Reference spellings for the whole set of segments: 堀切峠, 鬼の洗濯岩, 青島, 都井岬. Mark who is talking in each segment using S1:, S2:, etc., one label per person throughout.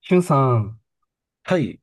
S1: しゅんさん、
S2: はい。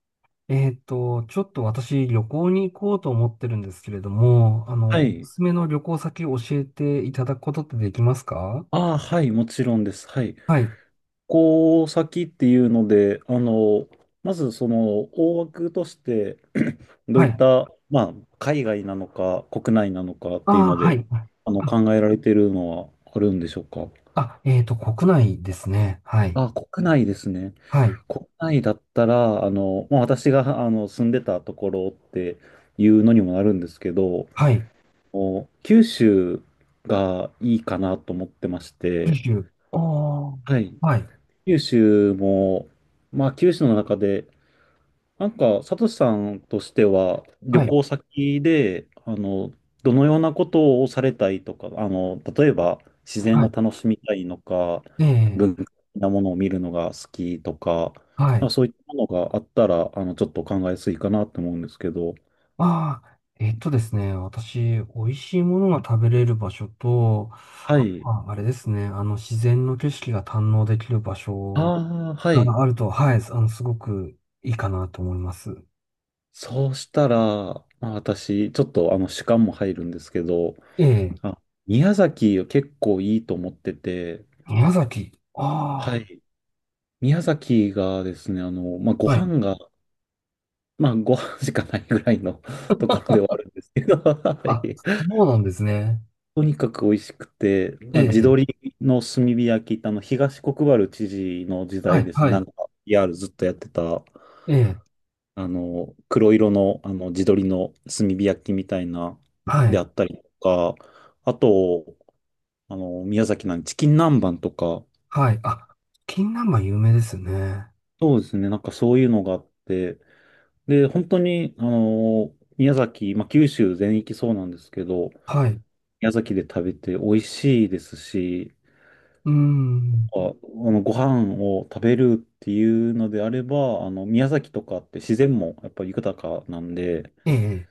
S1: ちょっと私旅行に行こうと思ってるんですけれども、
S2: は
S1: お
S2: い。
S1: すすめの旅行先を教えていただくことってできますか？
S2: ああ、はい。もちろんです。はい。
S1: はい。
S2: こう先っていうので、まずその大枠として、 ど
S1: は
S2: ういっ
S1: い。
S2: た、まあ、海外なのか国内なのかっ
S1: あ
S2: ていう
S1: あ、
S2: の
S1: は
S2: で、
S1: い。あ、
S2: 考えられているのはあるんでしょうか。
S1: 国内ですね。はい。
S2: あ、国内ですね。
S1: はい。
S2: 国内だったら、まあ、私が住んでたところっていうのにもなるんですけど、
S1: はい。
S2: お九州がいいかなと思ってまし
S1: 九
S2: て、
S1: 州。おー。
S2: はい。
S1: はい。
S2: 九州も、まあ九州の中で、なんか、サトシさんとしては、旅
S1: はい。
S2: 行先で、どのようなことをされたいとか、例えば、自然を
S1: は
S2: 楽しみたいのか、
S1: い。ええ、
S2: 文化的なものを見るのが好きとか、
S1: は
S2: なん
S1: い。
S2: かそういったものがあったら、ちょっと考えやすいかなと思うんですけど。
S1: ああ、ですね、私、美味しいものが食べれる場所と、
S2: は
S1: あ、
S2: い。
S1: ああれですね、自然の景色が堪能できる場所
S2: ああ、はい。
S1: があると、はい、すごくいいかなと思います。
S2: そうしたら、まあ、私、ちょっと、主観も入るんですけど、
S1: ええ、
S2: あ、宮崎結構いいと思ってて、
S1: 宮崎。
S2: は
S1: あ
S2: い。宮崎がですね、まあ、ご
S1: あ、はい。
S2: 飯が、まあ、ご飯しかないぐらいの ところではあるんですけど、は
S1: あ、
S2: い。
S1: そうなんですね。
S2: とにかく美味しくて、
S1: え
S2: ま
S1: え、
S2: あ、地
S1: ええ
S2: 鶏の炭火焼き、東国原知事の時
S1: は
S2: 代
S1: い、
S2: ですね、
S1: は
S2: な
S1: い。
S2: んか p ルずっとやってた、
S1: ええ、
S2: 黒色の、地鶏の炭火焼きみたいな、
S1: は
S2: であ
S1: い、
S2: ったりとか、あと、宮崎なんでチキン南蛮とか、
S1: はい。あ、金南蛮有名ですよね。
S2: そうですね。なんかそういうのがあって、で、本当に、宮崎、まあ、九州全域そうなんですけど、
S1: はい。
S2: 宮崎で食べて美味しいですし、
S1: うーん。
S2: あ、ご飯を食べるっていうのであれば、宮崎とかって自然もやっぱり豊かなんで、
S1: ええ、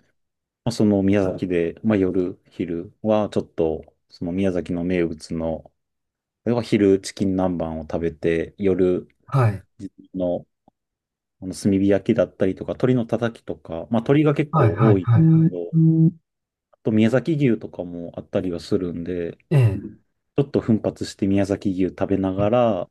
S2: まあ、その宮崎で、まあ、夜、昼はちょっと、その宮崎の名物の、例えば昼チキン南蛮を食べて、夜、
S1: はい。
S2: の炭火焼きだったりとか、鶏のたたきとか、まあ、鶏が結
S1: はい、
S2: 構
S1: は
S2: 多
S1: い、
S2: い
S1: はい、は
S2: けど、
S1: い。
S2: あと宮崎牛とかもあったりはするんで、
S1: ええ、
S2: ちょっと奮発して宮崎牛食べながら、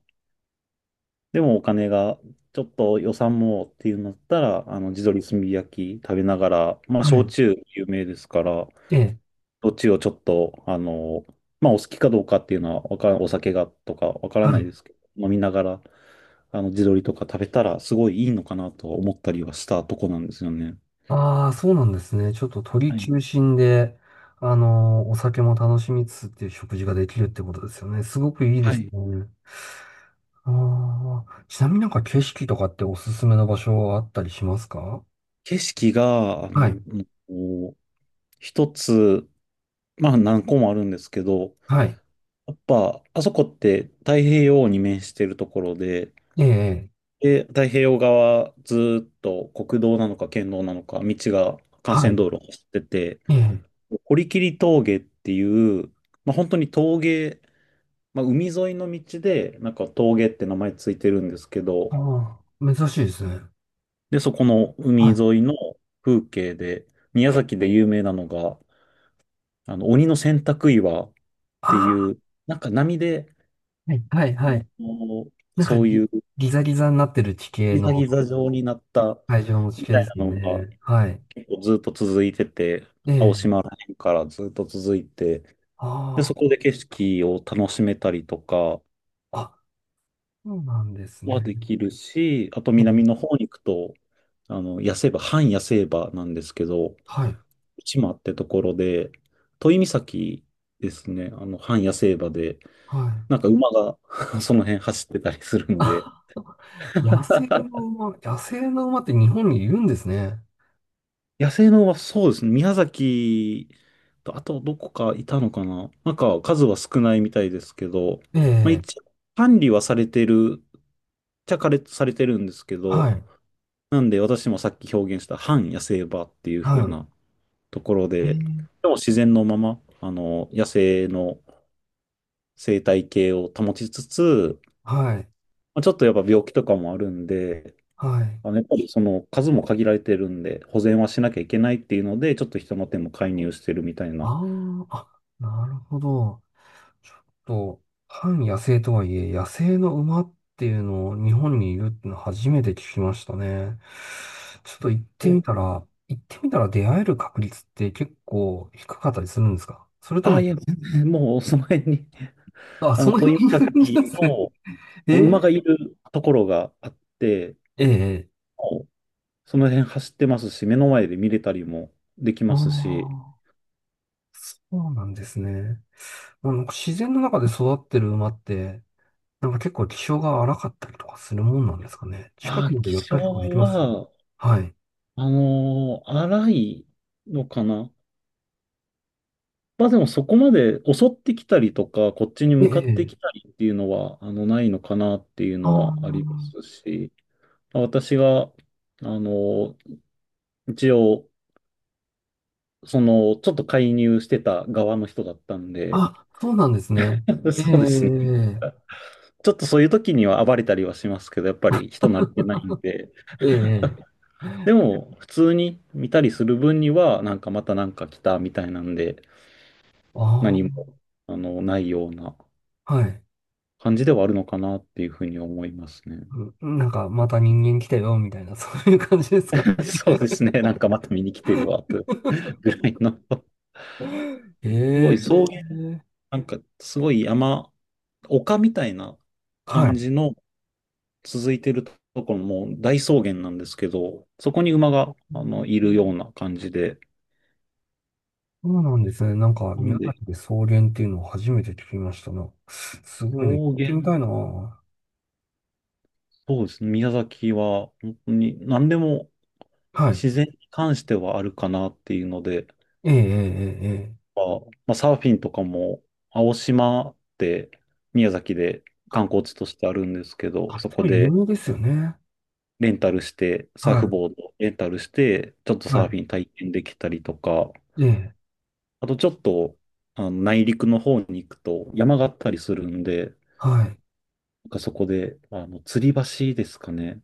S2: でもお金がちょっと予算もっていうのだったら、あの地鶏炭火焼き食べながら、まあ、
S1: は
S2: 焼
S1: い。
S2: 酎有名ですから、
S1: ええ、
S2: どっちをちょっと、まあ、お好きかどうかっていうのはわからん、お酒がとかわから
S1: は
S2: ない
S1: い。
S2: ですけど、飲みながら、地鶏とか食べたら、すごいいいのかなと思ったりはしたとこなんですよね。
S1: ああ、そうなんですね。ちょっと鳥
S2: はい。
S1: 中心で、お酒も楽しみつつっていう食事ができるってことですよね。すごくいいで
S2: は
S1: す
S2: い。
S1: ね。ああ、ちなみになんか景色とかっておすすめの場所はあったりしますか？
S2: 景色が、
S1: はい、
S2: こう一つ、まあ何個もあるんですけど、
S1: はい、
S2: やっぱ、あそこって太平洋に面してるところで、
S1: ええ、ええ
S2: で、太平洋側ずーっと国道なのか県道なのか、道が幹
S1: は
S2: 線
S1: い、
S2: 道路を走ってて、
S1: ええ、
S2: 堀切峠っていう、まあ本当に峠、まあ海沿いの道で、なんか峠って名前ついてるんですけど、
S1: ああ、珍しいですね。
S2: で、そこの
S1: は
S2: 海沿い
S1: い。
S2: の風景で、宮崎で有名なのが、鬼の洗濯岩ってい
S1: ああ、
S2: う、なんか波で、
S1: はい、はい、
S2: あ
S1: は
S2: の、
S1: い。なんか
S2: そういう
S1: ギザギザになってる地形
S2: ギザ
S1: の、
S2: ギザ状になった
S1: 海上の地
S2: み
S1: 形
S2: た
S1: で
S2: い
S1: すよ
S2: なのが
S1: ね。はい、
S2: 結構ずっと続いてて、
S1: ええ、
S2: からずっと続いて、で、そこ
S1: あ
S2: で景色を楽しめたりとか
S1: あ、あ、そうなんです
S2: は
S1: ね。
S2: できるし、あと
S1: え
S2: 南
S1: え、
S2: の方に行くと、野生場、半野生場なんですけど、
S1: はい、
S2: 内間ってところで、都井岬ですね、半野生場で、
S1: はい。
S2: なんか馬が その辺走ってたりする ので、
S1: あ、野生の 馬、野生の馬って日本にいるんですね。
S2: 野生のはそうですね。宮崎と、あとどこかいたのかな、なんか数は少ないみたいですけど、
S1: え
S2: まあ、
S1: え、
S2: 一応管理はされてる、っちゃかれされてるんですけ
S1: は
S2: ど、
S1: い、
S2: なんで私もさっき表現した反野生場っていう風
S1: は
S2: なところ
S1: い、え
S2: で、で
S1: え、
S2: も自然のまま、野生の生態系を保ちつつ、
S1: はい。
S2: まあ、ちょっとやっぱ病気とかもあるんで、
S1: はい。
S2: やっぱりその数も限られてるんで、保全はしなきゃいけないっていうので、ちょっと人の手も介入してるみたいな。
S1: あーあ、なるほど。ちょっと、半野生とはいえ、野生の馬っていうのを日本にいるっていうの初めて聞きましたね。ちょっと行って
S2: お、
S1: みたら、行ってみたら出会える確率って結構低かったりするんですか？それと
S2: ああ、
S1: も、
S2: いや、全然もう その辺に、
S1: あ、その
S2: 都井
S1: 辺にいる感じなん
S2: 岬
S1: ですね。
S2: の
S1: え
S2: 馬
S1: え
S2: がいるところがあって、
S1: ええ。
S2: もうその辺走ってますし、目の前で見れたりもでき
S1: あ
S2: ますし、
S1: あ、そうなんですね。まあなんか自然の中で育ってる馬って、なんか結構気性が荒かったりとかするもんなんですかね。近
S2: あ
S1: く
S2: あ、
S1: まで寄
S2: 気
S1: っ
S2: 象
S1: たりとかできます。
S2: は、
S1: はい。
S2: 荒いのかな。まあでもそこまで襲ってきたりとか、こっちに
S1: え
S2: 向かって
S1: え、え
S2: きた
S1: え
S2: りっていうのは、ないのかなっていうのはあり
S1: あ
S2: ますし、まあ私が、の、一応、その、ちょっと介入してた側の人だったんで、
S1: あ、あ、そうなんですね。ええ、
S2: そうですね。ちょっとそういう時には暴れたりはしますけど、やっぱり人慣れてないんで、
S1: ええ、ええ、
S2: でも、普通に見たりする分には、なんかまたなんか来たみたいなんで、何も、
S1: あ
S2: ないような
S1: あ、はい。
S2: 感じではあるのかなっていうふうに思いますね。
S1: うん。なんか、また人間来たよ、みたいな、そういう感じですかね。
S2: そうですね。なんかまた見に来てるわ、とぐらいの。すご
S1: え
S2: い草
S1: え、
S2: 原、なんかすごい山、丘みたいな
S1: は
S2: 感
S1: い。
S2: じの続いてるところも大草原なんですけど、そこに馬が、
S1: うん。
S2: いるような感じで。
S1: そうなんですね。なんか、
S2: なん
S1: 宮
S2: で、
S1: 崎で草原っていうのを初めて聞きましたな。すごいね。行っ
S2: 草
S1: て
S2: 原、
S1: みたいな。は
S2: そうですね。宮崎は本当に何でも自
S1: い。
S2: 然に関してはあるかなっていうので、
S1: ええ、ええ、ええ。ええ。
S2: は、まあ、サーフィンとかも、青島って宮崎で観光地としてあるんですけど、
S1: あ、
S2: そ
S1: す
S2: こ
S1: ごい有
S2: で
S1: 名ですよね。
S2: レンタルして、
S1: は
S2: サーフ
S1: い。
S2: ボードレンタルして、ちょっと
S1: は
S2: サーフィン体験できたりとか、
S1: い。ええ、
S2: あとちょっと内陸の方に行くと山があったりするんで、
S1: はい。
S2: なんかそこで吊り橋ですかね。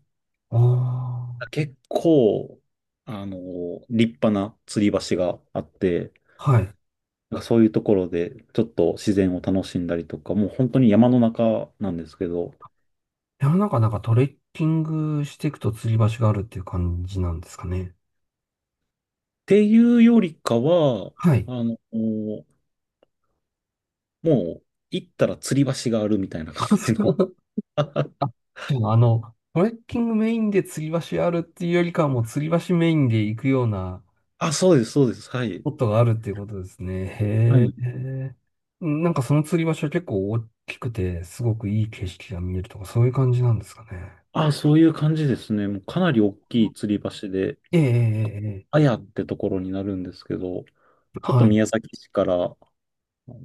S1: あ
S2: 結構、あの、立派な吊り橋があって、
S1: あ、はい。
S2: なんかそういうところで、ちょっと自然を楽しんだりとか、もう本当に山の中なんですけど、っ
S1: 山の中なんかトレッキングしていくと釣り橋があるっていう感じなんですかね。
S2: ていうよりかは、
S1: はい。
S2: もう行ったら吊り橋があるみたいな 感
S1: あ、そ
S2: じの。
S1: う。あ、 じゃあ、トレッキングメインで釣り橋あるっていうよりかはもう釣り橋メインで行くような
S2: あ、そうです、そうです。は
S1: ス
S2: い。
S1: ポットがあるっていうことですね。
S2: は
S1: へ
S2: い。
S1: え。なんかその釣り橋は結構大きくて、すごくいい景色が見えるとか、そういう感じなんですかね。
S2: あ、そういう感じですね。もうかなり大きい吊り橋で、
S1: ええ、ええ、ええ
S2: あやってところになるんですけど、ちょっ
S1: は
S2: と
S1: い。
S2: 宮崎市からの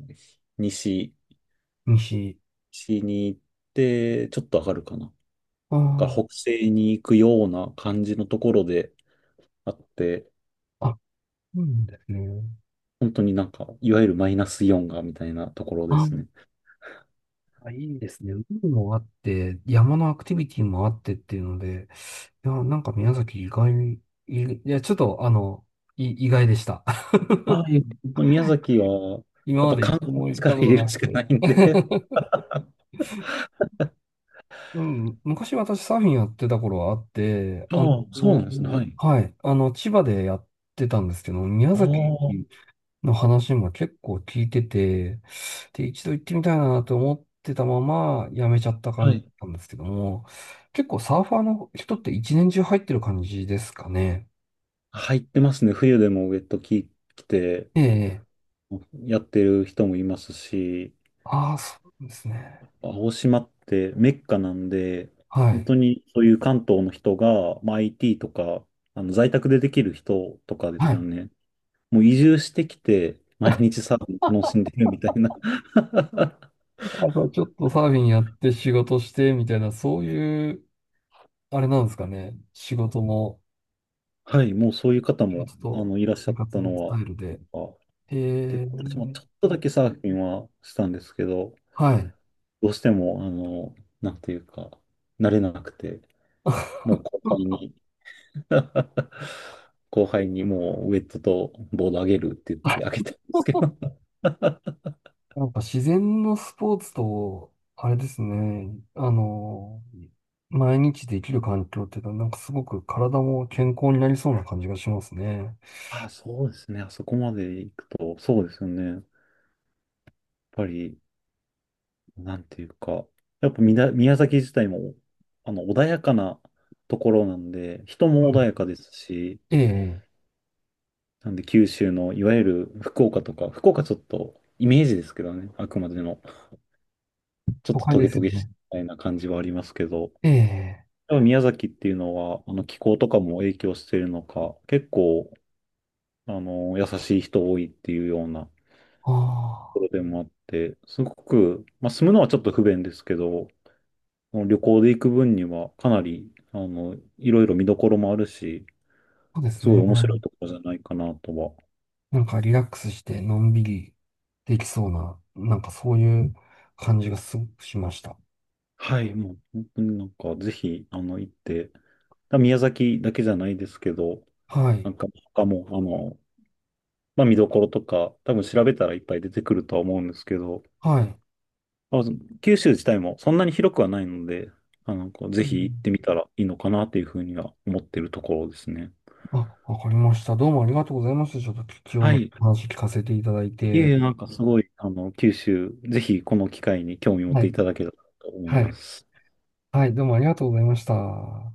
S2: 西、
S1: 西。
S2: 西に行って、ちょっと上がるかな。が
S1: あ
S2: 北西に行くような感じのところであって、
S1: あ、あ、うんですね。
S2: 本当になんか、いわゆるマイナスイオンがみたいなところで
S1: あ
S2: すね。
S1: あ、いいですね。海もあって、山のアクティビティもあってっていうので、いや、なんか宮崎意外に、いや、ちょっと、意外でした。
S2: はい。宮崎は、
S1: 今
S2: やっ
S1: ま
S2: ぱ
S1: で
S2: 観
S1: 一度
S2: 光
S1: も行
S2: に
S1: っ
S2: か
S1: た
S2: ら
S1: こ
S2: 入
S1: と
S2: れる
S1: な
S2: し
S1: く
S2: かな
S1: て。
S2: いんで。
S1: うん、昔私サーフィンやってた頃はあって、
S2: ああ、そうなんですね。はい。
S1: はい、千葉でやってたんですけど、宮
S2: あ
S1: 崎
S2: あ、
S1: の話も結構聞いてて、で、一度行ってみたいなと思ってたままやめちゃった
S2: は
S1: 感じ
S2: い。
S1: なんですけども、結構サーファーの人って一年中入ってる感じですかね。
S2: 入ってますね。冬でもウェット着て
S1: ええ、
S2: やってる人もいますし、
S1: ああ、そうですね。
S2: 青島ってメッカなんで、
S1: は
S2: 本
S1: い。
S2: 当にそういう関東の人が、まあ、IT とか、在宅でできる人とかで
S1: は
S2: すよ
S1: い。
S2: ね。もう移住してきて、毎日 サーフィン楽しんでるみたいな。
S1: あとちょっとサーフィンやって仕事してみたいな、そういう、あれなんですかね。仕事も、
S2: はい、もうそういう方
S1: 仕
S2: も、
S1: 事と
S2: いらっしゃ
S1: 生
S2: っ
S1: 活
S2: た
S1: の
S2: の
S1: スタ
S2: は、
S1: イルで。
S2: あ、で、
S1: ええ、
S2: 私もちょっとだけサーフィンはしたんですけど、
S1: はい。
S2: どうしても、なんていうか、慣れなくて、もう後輩 に 後輩にもうウェットとボードあげるって言ってあげたんですけど。
S1: なんか自然のスポーツと、あれですね、毎日できる環境っていうのは、なんかすごく体も健康になりそうな感じがしますね。
S2: あ、そうですね。あそこまで行くと、そうですよね。やっぱり、なんていうか、やっぱみな宮崎自体も、穏やかなところなんで、人
S1: う
S2: も穏
S1: ん。
S2: やかですし、
S1: ええ、
S2: なんで九州の、いわゆる福岡とか、福岡ちょっと、イメージですけどね、あくまでの、ちょっ
S1: 都
S2: と
S1: 会
S2: ト
S1: で
S2: ゲ
S1: す
S2: ト
S1: よ
S2: ゲしい
S1: ね。
S2: みたいな感じはありますけど、やっ
S1: ええ、
S2: ぱ宮崎っていうのは、気候とかも影響してるのか、結構、優しい人多いっていうようなと
S1: あ
S2: こ
S1: あ、
S2: ろでもあって、すごく、まあ、住むのはちょっと不便ですけど、あの旅行で行く分には、かなり、いろいろ見どころもあるし、
S1: そうです
S2: すごい
S1: ね。
S2: 面白いところじゃないかなとは。
S1: なんかリラックスしてのんびりできそうな、なんかそういう感じがすごくしました。
S2: はい、もう本当になんか、ぜひ、行って、宮崎だけじゃないですけど、
S1: はい、
S2: なんか他も、まあ、見どころとか、多分調べたらいっぱい出てくるとは思うんですけど、
S1: はい。
S2: まあ、九州自体もそんなに広くはないので、こうぜ
S1: うん。
S2: ひ行ってみたらいいのかなっていうふうには思ってるところですね。
S1: あ、わかりました。どうもありがとうございました。ちょっと貴重
S2: は
S1: な
S2: い。
S1: お話聞かせていただい
S2: いえい
S1: て。
S2: え、なんかすごい、九州、ぜひこの機会に興味持っ
S1: は
S2: てい
S1: い、
S2: ただけたらと思い
S1: は
S2: ま
S1: い。
S2: す。
S1: はい、どうもありがとうございました。